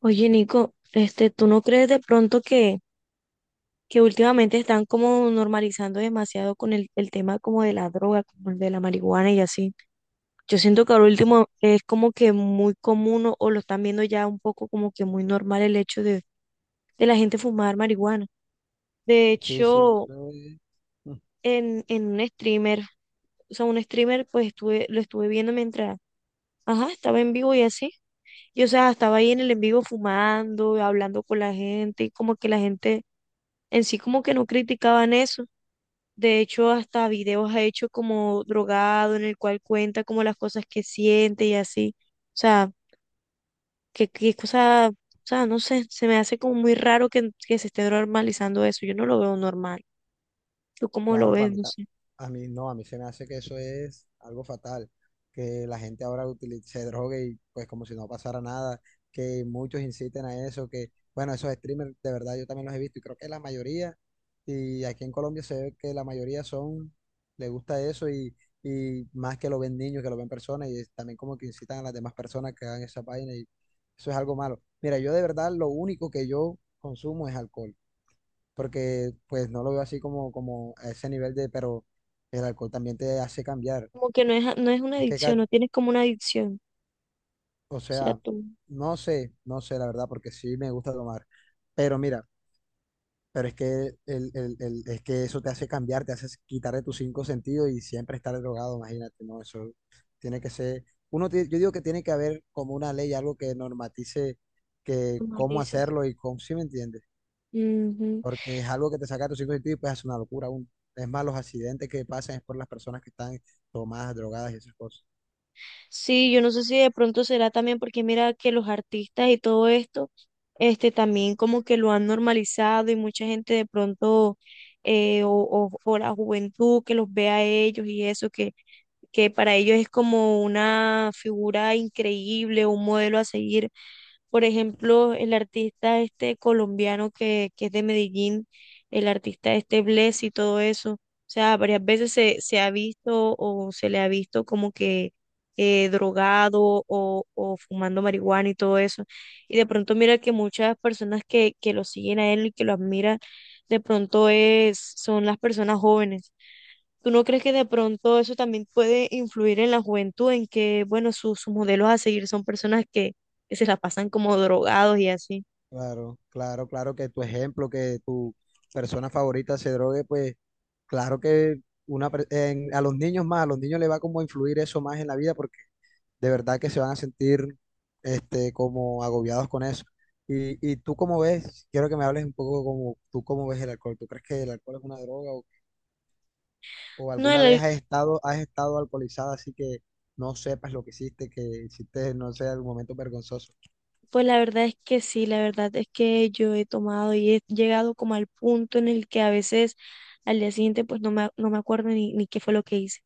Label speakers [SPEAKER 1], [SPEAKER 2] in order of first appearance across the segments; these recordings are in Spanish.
[SPEAKER 1] Oye, Nico, ¿tú no crees de pronto que últimamente están como normalizando demasiado con el tema como de la droga, como el de la marihuana y así? Yo siento que ahora último es como que muy común o lo están viendo ya un poco como que muy normal el hecho de la gente fumar marihuana. De
[SPEAKER 2] Sí, sí,
[SPEAKER 1] hecho,
[SPEAKER 2] eso es. Mm.
[SPEAKER 1] en un streamer, o sea, un streamer, pues lo estuve viendo mientras, ajá, estaba en vivo y así. Y o sea, estaba ahí en el en vivo fumando, hablando con la gente, y como que la gente en sí como que no criticaban eso. De hecho, hasta videos ha hecho como drogado en el cual cuenta como las cosas que siente y así. O sea, que cosa, o sea, no sé, se me hace como muy raro que se esté normalizando eso. Yo no lo veo normal. ¿Tú cómo lo
[SPEAKER 2] Claro, para
[SPEAKER 1] ves?
[SPEAKER 2] mí,
[SPEAKER 1] No sé.
[SPEAKER 2] a mí no, a mí se me hace que eso es algo fatal, que la gente ahora se drogue y pues como si no pasara nada, que muchos inciten a eso, que bueno, esos streamers de verdad yo también los he visto y creo que la mayoría, y aquí en Colombia se ve que la mayoría son, le gusta eso y más que lo ven niños, que lo ven personas y es también como que incitan a las demás personas que hagan esa vaina y eso es algo malo. Mira, yo de verdad lo único que yo consumo es alcohol porque pues no lo veo así como, como a ese nivel de, pero el alcohol también te hace cambiar.
[SPEAKER 1] Como que no es una
[SPEAKER 2] Es que,
[SPEAKER 1] adicción,
[SPEAKER 2] Kat,
[SPEAKER 1] no tienes como una adicción.
[SPEAKER 2] o
[SPEAKER 1] O sea,
[SPEAKER 2] sea,
[SPEAKER 1] tú
[SPEAKER 2] no sé la verdad, porque sí me gusta tomar, pero mira, pero es que, es que eso te hace cambiar, te hace quitar de tus cinco sentidos y siempre estar drogado, imagínate, no, eso tiene que ser, uno, yo digo que tiene que haber como una ley, algo que normatice que cómo
[SPEAKER 1] normalizas,
[SPEAKER 2] hacerlo y cómo, ¿sí me entiendes?
[SPEAKER 1] dices.
[SPEAKER 2] Porque es algo que te saca de tu cinco sentidos y pues es una locura aún. Es más, los accidentes que pasan es por las personas que están tomadas, drogadas y esas cosas.
[SPEAKER 1] Sí, yo no sé si de pronto será también porque mira que los artistas y todo esto, también como que lo han normalizado y mucha gente de pronto, o la juventud que los ve a ellos y eso, que para ellos es como una figura increíble, un modelo a seguir. Por ejemplo, el artista este colombiano que es de Medellín, el artista este Bless y todo eso. O sea, varias veces se ha visto o se le ha visto como que drogado o fumando marihuana y todo eso. Y de pronto mira que muchas personas que lo siguen a él y que lo admiran, de pronto es, son las personas jóvenes. ¿Tú no crees que de pronto eso también puede influir en la juventud, en que, bueno, sus modelos a seguir son personas que se la pasan como drogados y así?
[SPEAKER 2] Claro que tu ejemplo, que tu persona favorita se drogue, pues claro que una, a los niños más, a los niños les va como a influir eso más en la vida porque de verdad que se van a sentir este, como agobiados con eso. Y tú cómo ves, quiero que me hables un poco como tú cómo ves el alcohol. ¿Tú crees que el alcohol es una droga? ¿O
[SPEAKER 1] No,
[SPEAKER 2] alguna vez
[SPEAKER 1] la-
[SPEAKER 2] has estado alcoholizada así que no sepas lo que hiciste, no sé, algún momento vergonzoso?
[SPEAKER 1] Pues la verdad es que sí, la verdad es que yo he tomado y he llegado como al punto en el que a veces al día siguiente pues no me acuerdo ni qué fue lo que hice.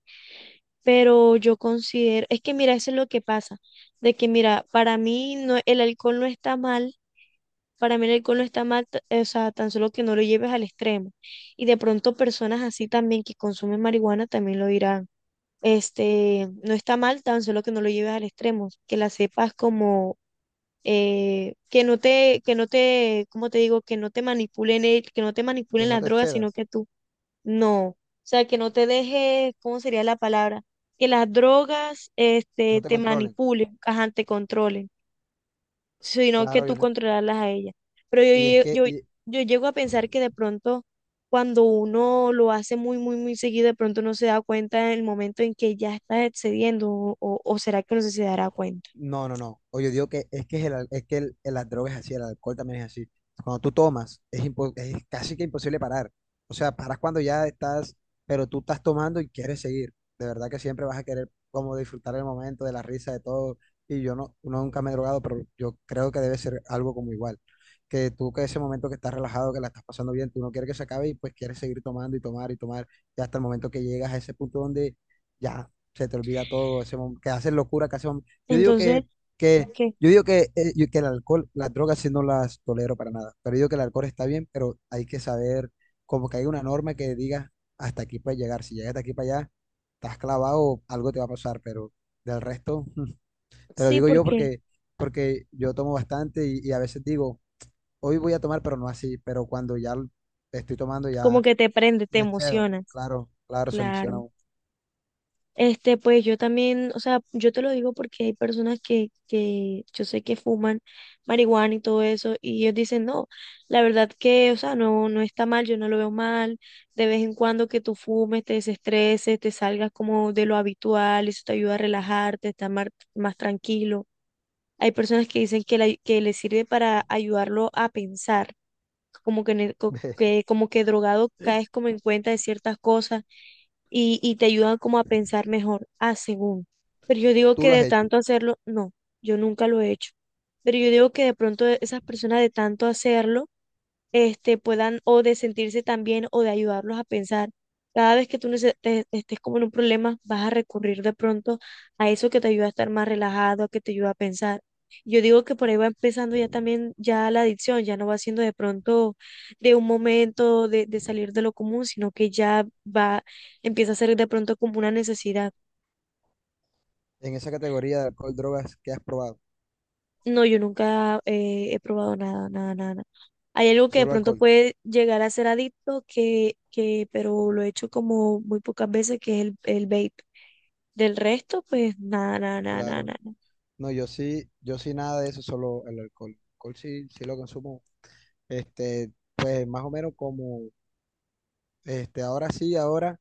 [SPEAKER 1] Pero yo considero, es que mira, eso es lo que pasa, de que mira, para mí no, el alcohol no está mal. Para mí el alcohol no está mal, o sea, tan solo que no lo lleves al extremo. Y de pronto personas así también que consumen marihuana también lo dirán. No está mal, tan solo que no lo lleves al extremo, que la sepas como que no te, ¿cómo te digo? Que no te manipulen, que no te
[SPEAKER 2] Que
[SPEAKER 1] manipulen
[SPEAKER 2] no
[SPEAKER 1] las
[SPEAKER 2] te
[SPEAKER 1] drogas, sino
[SPEAKER 2] cedas,
[SPEAKER 1] que tú, no. O sea, que no te dejes, ¿cómo sería la palabra? Que las drogas,
[SPEAKER 2] no te
[SPEAKER 1] te
[SPEAKER 2] controlen.
[SPEAKER 1] manipulen, ajá, te controlen, sino que
[SPEAKER 2] Claro, yo
[SPEAKER 1] tú
[SPEAKER 2] te-
[SPEAKER 1] controlarlas a ellas. Pero
[SPEAKER 2] y es que y
[SPEAKER 1] yo llego a pensar que de pronto, cuando uno lo hace muy, muy, muy seguido, de pronto no se da cuenta en el momento en que ya estás excediendo, o será que no se dará cuenta.
[SPEAKER 2] No, no, no. Oye, digo que es que, es que las drogas es así, el alcohol también es así. Cuando tú tomas, es, es casi que imposible parar. O sea, paras cuando ya estás, pero tú estás tomando y quieres seguir. De verdad que siempre vas a querer como disfrutar el momento, de la risa, de todo. Y yo no, nunca me he drogado, pero yo creo que debe ser algo como igual. Que tú que ese momento que estás relajado, que la estás pasando bien, tú no quieres que se acabe y pues quieres seguir tomando y tomar y tomar. Y hasta el momento que llegas a ese punto donde ya se te olvida todo, ese que haces locura, que haces yo digo
[SPEAKER 1] Entonces,
[SPEAKER 2] que, que,
[SPEAKER 1] ¿qué?
[SPEAKER 2] yo digo que, que el alcohol, las drogas sí no las tolero para nada, pero yo digo que el alcohol está bien, pero hay que saber, como que hay una norma que diga hasta aquí puedes llegar, si llegas de aquí para allá, estás clavado, algo te va a pasar, pero del resto, te lo
[SPEAKER 1] Sí,
[SPEAKER 2] digo yo
[SPEAKER 1] porque
[SPEAKER 2] porque, porque yo tomo bastante y a veces digo, hoy voy a tomar, pero no así, pero cuando ya estoy tomando
[SPEAKER 1] como
[SPEAKER 2] ya
[SPEAKER 1] que te prende, te
[SPEAKER 2] me excedo,
[SPEAKER 1] emocionas.
[SPEAKER 2] claro, claro, se emociona
[SPEAKER 1] Claro.
[SPEAKER 2] uno.
[SPEAKER 1] Pues yo también, o sea, yo te lo digo porque hay personas que yo sé que fuman marihuana y todo eso, y ellos dicen, no, la verdad que, o sea, no, no está mal, yo no lo veo mal, de vez en cuando que tú fumes, te desestreses, te salgas como de lo habitual, eso te ayuda a relajarte, estar mar- más, tranquilo. Hay personas que dicen que les sirve para ayudarlo a pensar como que, ne- co- que- como que drogado caes como en cuenta de ciertas cosas y te ayudan como a pensar mejor, ah, según. Pero yo digo
[SPEAKER 2] Tú
[SPEAKER 1] que
[SPEAKER 2] lo has
[SPEAKER 1] de
[SPEAKER 2] hecho,
[SPEAKER 1] tanto hacerlo, no, yo nunca lo he hecho. Pero yo digo que de pronto esas personas de tanto hacerlo, puedan o de sentirse también o de ayudarlos a pensar. Cada vez que tú estés como en un problema, vas a recurrir de pronto a eso que te ayuda a estar más relajado, que te ayuda a pensar. Yo digo que por ahí va empezando ya también ya la adicción, ya no va siendo de pronto de un momento de salir de lo común, sino que ya va, empieza a ser de pronto como una necesidad.
[SPEAKER 2] en esa categoría de alcohol, drogas, ¿qué has probado?
[SPEAKER 1] No, yo nunca he probado nada, nada, nada. Hay algo que de
[SPEAKER 2] Solo
[SPEAKER 1] pronto
[SPEAKER 2] alcohol,
[SPEAKER 1] puede llegar a ser adicto, pero lo he hecho como muy pocas veces, que es el vape. Del resto, pues nada, nada, nada, nada,
[SPEAKER 2] claro.
[SPEAKER 1] nada.
[SPEAKER 2] No, yo sí, yo sí nada de eso, solo el alcohol. El alcohol sí, sí lo consumo. Este, pues más o menos como, este, ahora sí, ahora,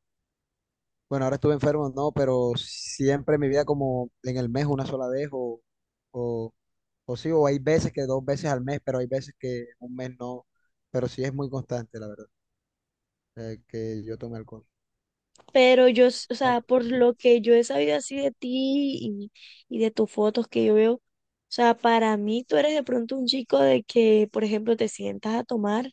[SPEAKER 2] bueno, ahora estuve enfermo, no, pero siempre en mi vida como en el mes una sola vez o, o sí, o hay veces que dos veces al mes, pero hay veces que un mes no, pero sí es muy constante, la verdad, que yo tome alcohol.
[SPEAKER 1] Pero yo, o
[SPEAKER 2] Ya-
[SPEAKER 1] sea, por lo que yo he sabido así de ti y de tus fotos que yo veo, o sea, para mí tú eres de pronto un chico de que, por ejemplo, te sientas a tomar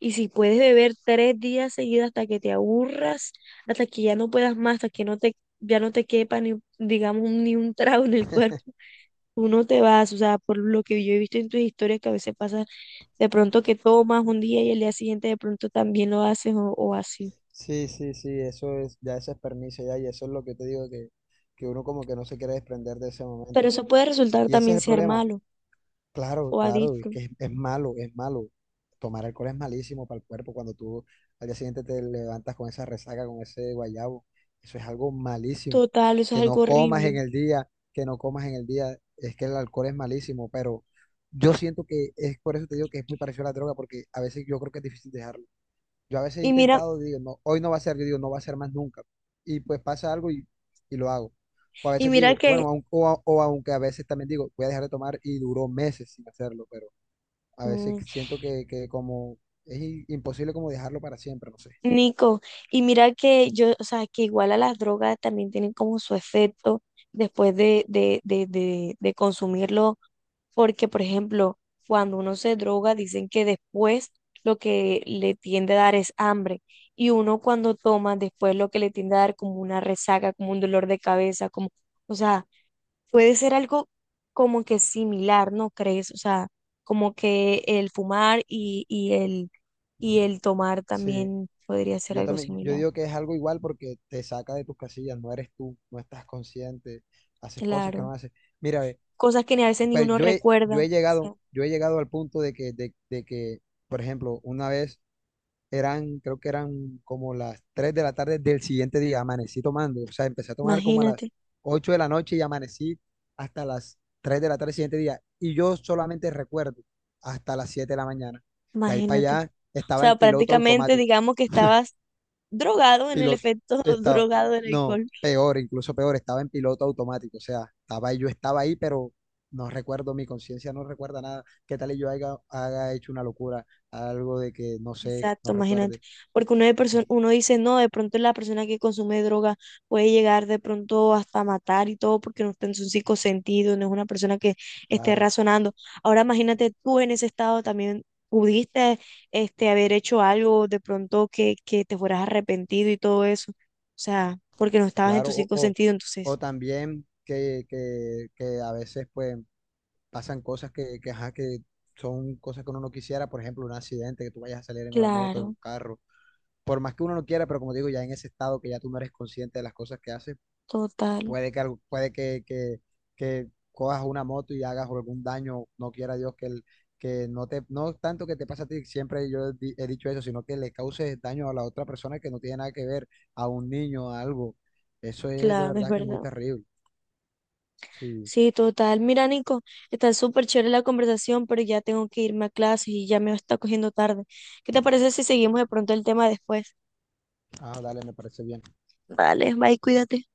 [SPEAKER 1] y si puedes beber 3 días seguidos hasta que te aburras, hasta que ya no puedas más, hasta que no te, ya no te quepa ni, digamos, ni un trago en el cuerpo. Tú no te vas, o sea, por lo que yo he visto en tus historias que a veces pasa de pronto que tomas un día y el día siguiente de pronto también lo haces o así.
[SPEAKER 2] Sí, sí, sí, eso es, ya ese es permiso ya, y eso es lo que te digo que uno como que no se quiere desprender de ese momento,
[SPEAKER 1] Pero
[SPEAKER 2] pero-
[SPEAKER 1] eso puede resultar
[SPEAKER 2] y ese es
[SPEAKER 1] también
[SPEAKER 2] el
[SPEAKER 1] ser
[SPEAKER 2] problema.
[SPEAKER 1] malo
[SPEAKER 2] Claro,
[SPEAKER 1] o
[SPEAKER 2] claro, es
[SPEAKER 1] adicto.
[SPEAKER 2] que es malo, es malo. Tomar alcohol es malísimo para el cuerpo cuando tú al día siguiente te levantas con esa resaca, con ese guayabo. Eso es algo malísimo.
[SPEAKER 1] Total, eso es
[SPEAKER 2] Que no
[SPEAKER 1] algo
[SPEAKER 2] comas en
[SPEAKER 1] horrible.
[SPEAKER 2] el día, que no comas en el día, es que el alcohol es malísimo, pero yo siento que es por eso te digo que es muy parecido a la droga, porque a veces yo creo que es difícil dejarlo. Yo a veces he
[SPEAKER 1] Y mira,
[SPEAKER 2] intentado, digo, no, hoy no va a ser, yo digo, no va a ser más nunca. Y pues pasa algo y lo hago. O a
[SPEAKER 1] y
[SPEAKER 2] veces
[SPEAKER 1] mira
[SPEAKER 2] digo,
[SPEAKER 1] que,
[SPEAKER 2] bueno, o aunque a veces también digo, voy a dejar de tomar y duró meses sin hacerlo, pero a veces
[SPEAKER 1] mm,
[SPEAKER 2] siento que como es imposible como dejarlo para siempre, no sé.
[SPEAKER 1] Nico, y mira que yo, o sea, que igual a las drogas también tienen como su efecto después de consumirlo. Porque, por ejemplo, cuando uno se droga, dicen que después lo que le tiende a dar es hambre. Y uno cuando toma, después lo que le tiende a dar como una resaca, como un dolor de cabeza, como, o sea, puede ser algo como que similar, ¿no crees? O sea, como que el fumar y el tomar
[SPEAKER 2] Sí,
[SPEAKER 1] también podría ser
[SPEAKER 2] yo
[SPEAKER 1] algo
[SPEAKER 2] también, yo
[SPEAKER 1] similar.
[SPEAKER 2] digo que es algo igual porque te saca de tus casillas, no eres tú, no estás consciente, haces cosas
[SPEAKER 1] Claro.
[SPEAKER 2] que no haces. Mira, ve,
[SPEAKER 1] Cosas que ni a veces ni
[SPEAKER 2] pero
[SPEAKER 1] uno
[SPEAKER 2] yo he,
[SPEAKER 1] recuerda. O sea,
[SPEAKER 2] yo he llegado al punto de que, por ejemplo, una vez eran, creo que eran como las 3 de la tarde del siguiente día, amanecí tomando, o sea, empecé a tomar como a las
[SPEAKER 1] imagínate,
[SPEAKER 2] 8 de la noche y amanecí hasta las 3 de la tarde del siguiente día. Y yo solamente recuerdo hasta las 7 de la mañana. De ahí para
[SPEAKER 1] imagínate.
[SPEAKER 2] allá
[SPEAKER 1] O
[SPEAKER 2] estaba
[SPEAKER 1] sea,
[SPEAKER 2] en piloto
[SPEAKER 1] prácticamente
[SPEAKER 2] automático,
[SPEAKER 1] digamos que estabas drogado en el
[SPEAKER 2] piloto,
[SPEAKER 1] efecto
[SPEAKER 2] estaba,
[SPEAKER 1] drogado del
[SPEAKER 2] no,
[SPEAKER 1] alcohol.
[SPEAKER 2] peor, incluso peor, estaba en piloto automático, o sea, estaba ahí, yo estaba ahí, pero no recuerdo, mi conciencia no recuerda nada. ¿Qué tal y yo haya, haga hecho una locura, algo de que no sé,
[SPEAKER 1] Exacto,
[SPEAKER 2] no
[SPEAKER 1] imagínate.
[SPEAKER 2] recuerde?
[SPEAKER 1] Porque uno, uno dice, no, de pronto la persona que consume droga puede llegar de pronto hasta matar y todo porque no está en su cinco sentido, no es una persona que esté
[SPEAKER 2] Claro.
[SPEAKER 1] razonando. Ahora imagínate tú en ese estado también. Pudiste haber hecho algo de pronto que te fueras arrepentido y todo eso. O sea, porque no estabas en
[SPEAKER 2] Claro,
[SPEAKER 1] tus cinco sentidos,
[SPEAKER 2] o
[SPEAKER 1] entonces.
[SPEAKER 2] también que, a veces pues pasan cosas que, ajá, que son cosas que uno no quisiera, por ejemplo, un accidente, que tú vayas a salir en una moto, en un
[SPEAKER 1] Claro,
[SPEAKER 2] carro, por más que uno no quiera, pero como digo, ya en ese estado que ya tú no eres consciente de las cosas que haces,
[SPEAKER 1] total,
[SPEAKER 2] puede que, que cojas una moto y hagas algún daño, no quiera Dios que, el, que no te, no tanto que te pase a ti, siempre yo he, he dicho eso, sino que le causes daño a la otra persona que no tiene nada que ver, a un niño, a algo. Eso es de
[SPEAKER 1] claro, es
[SPEAKER 2] verdad que es muy
[SPEAKER 1] verdad.
[SPEAKER 2] terrible. Sí.
[SPEAKER 1] Sí, total. Mira, Nico, está súper chévere la conversación, pero ya tengo que irme a clases y ya me está cogiendo tarde. ¿Qué te parece si seguimos de pronto el tema después?
[SPEAKER 2] Ah, dale, me parece bien.
[SPEAKER 1] Vale, bye, cuídate.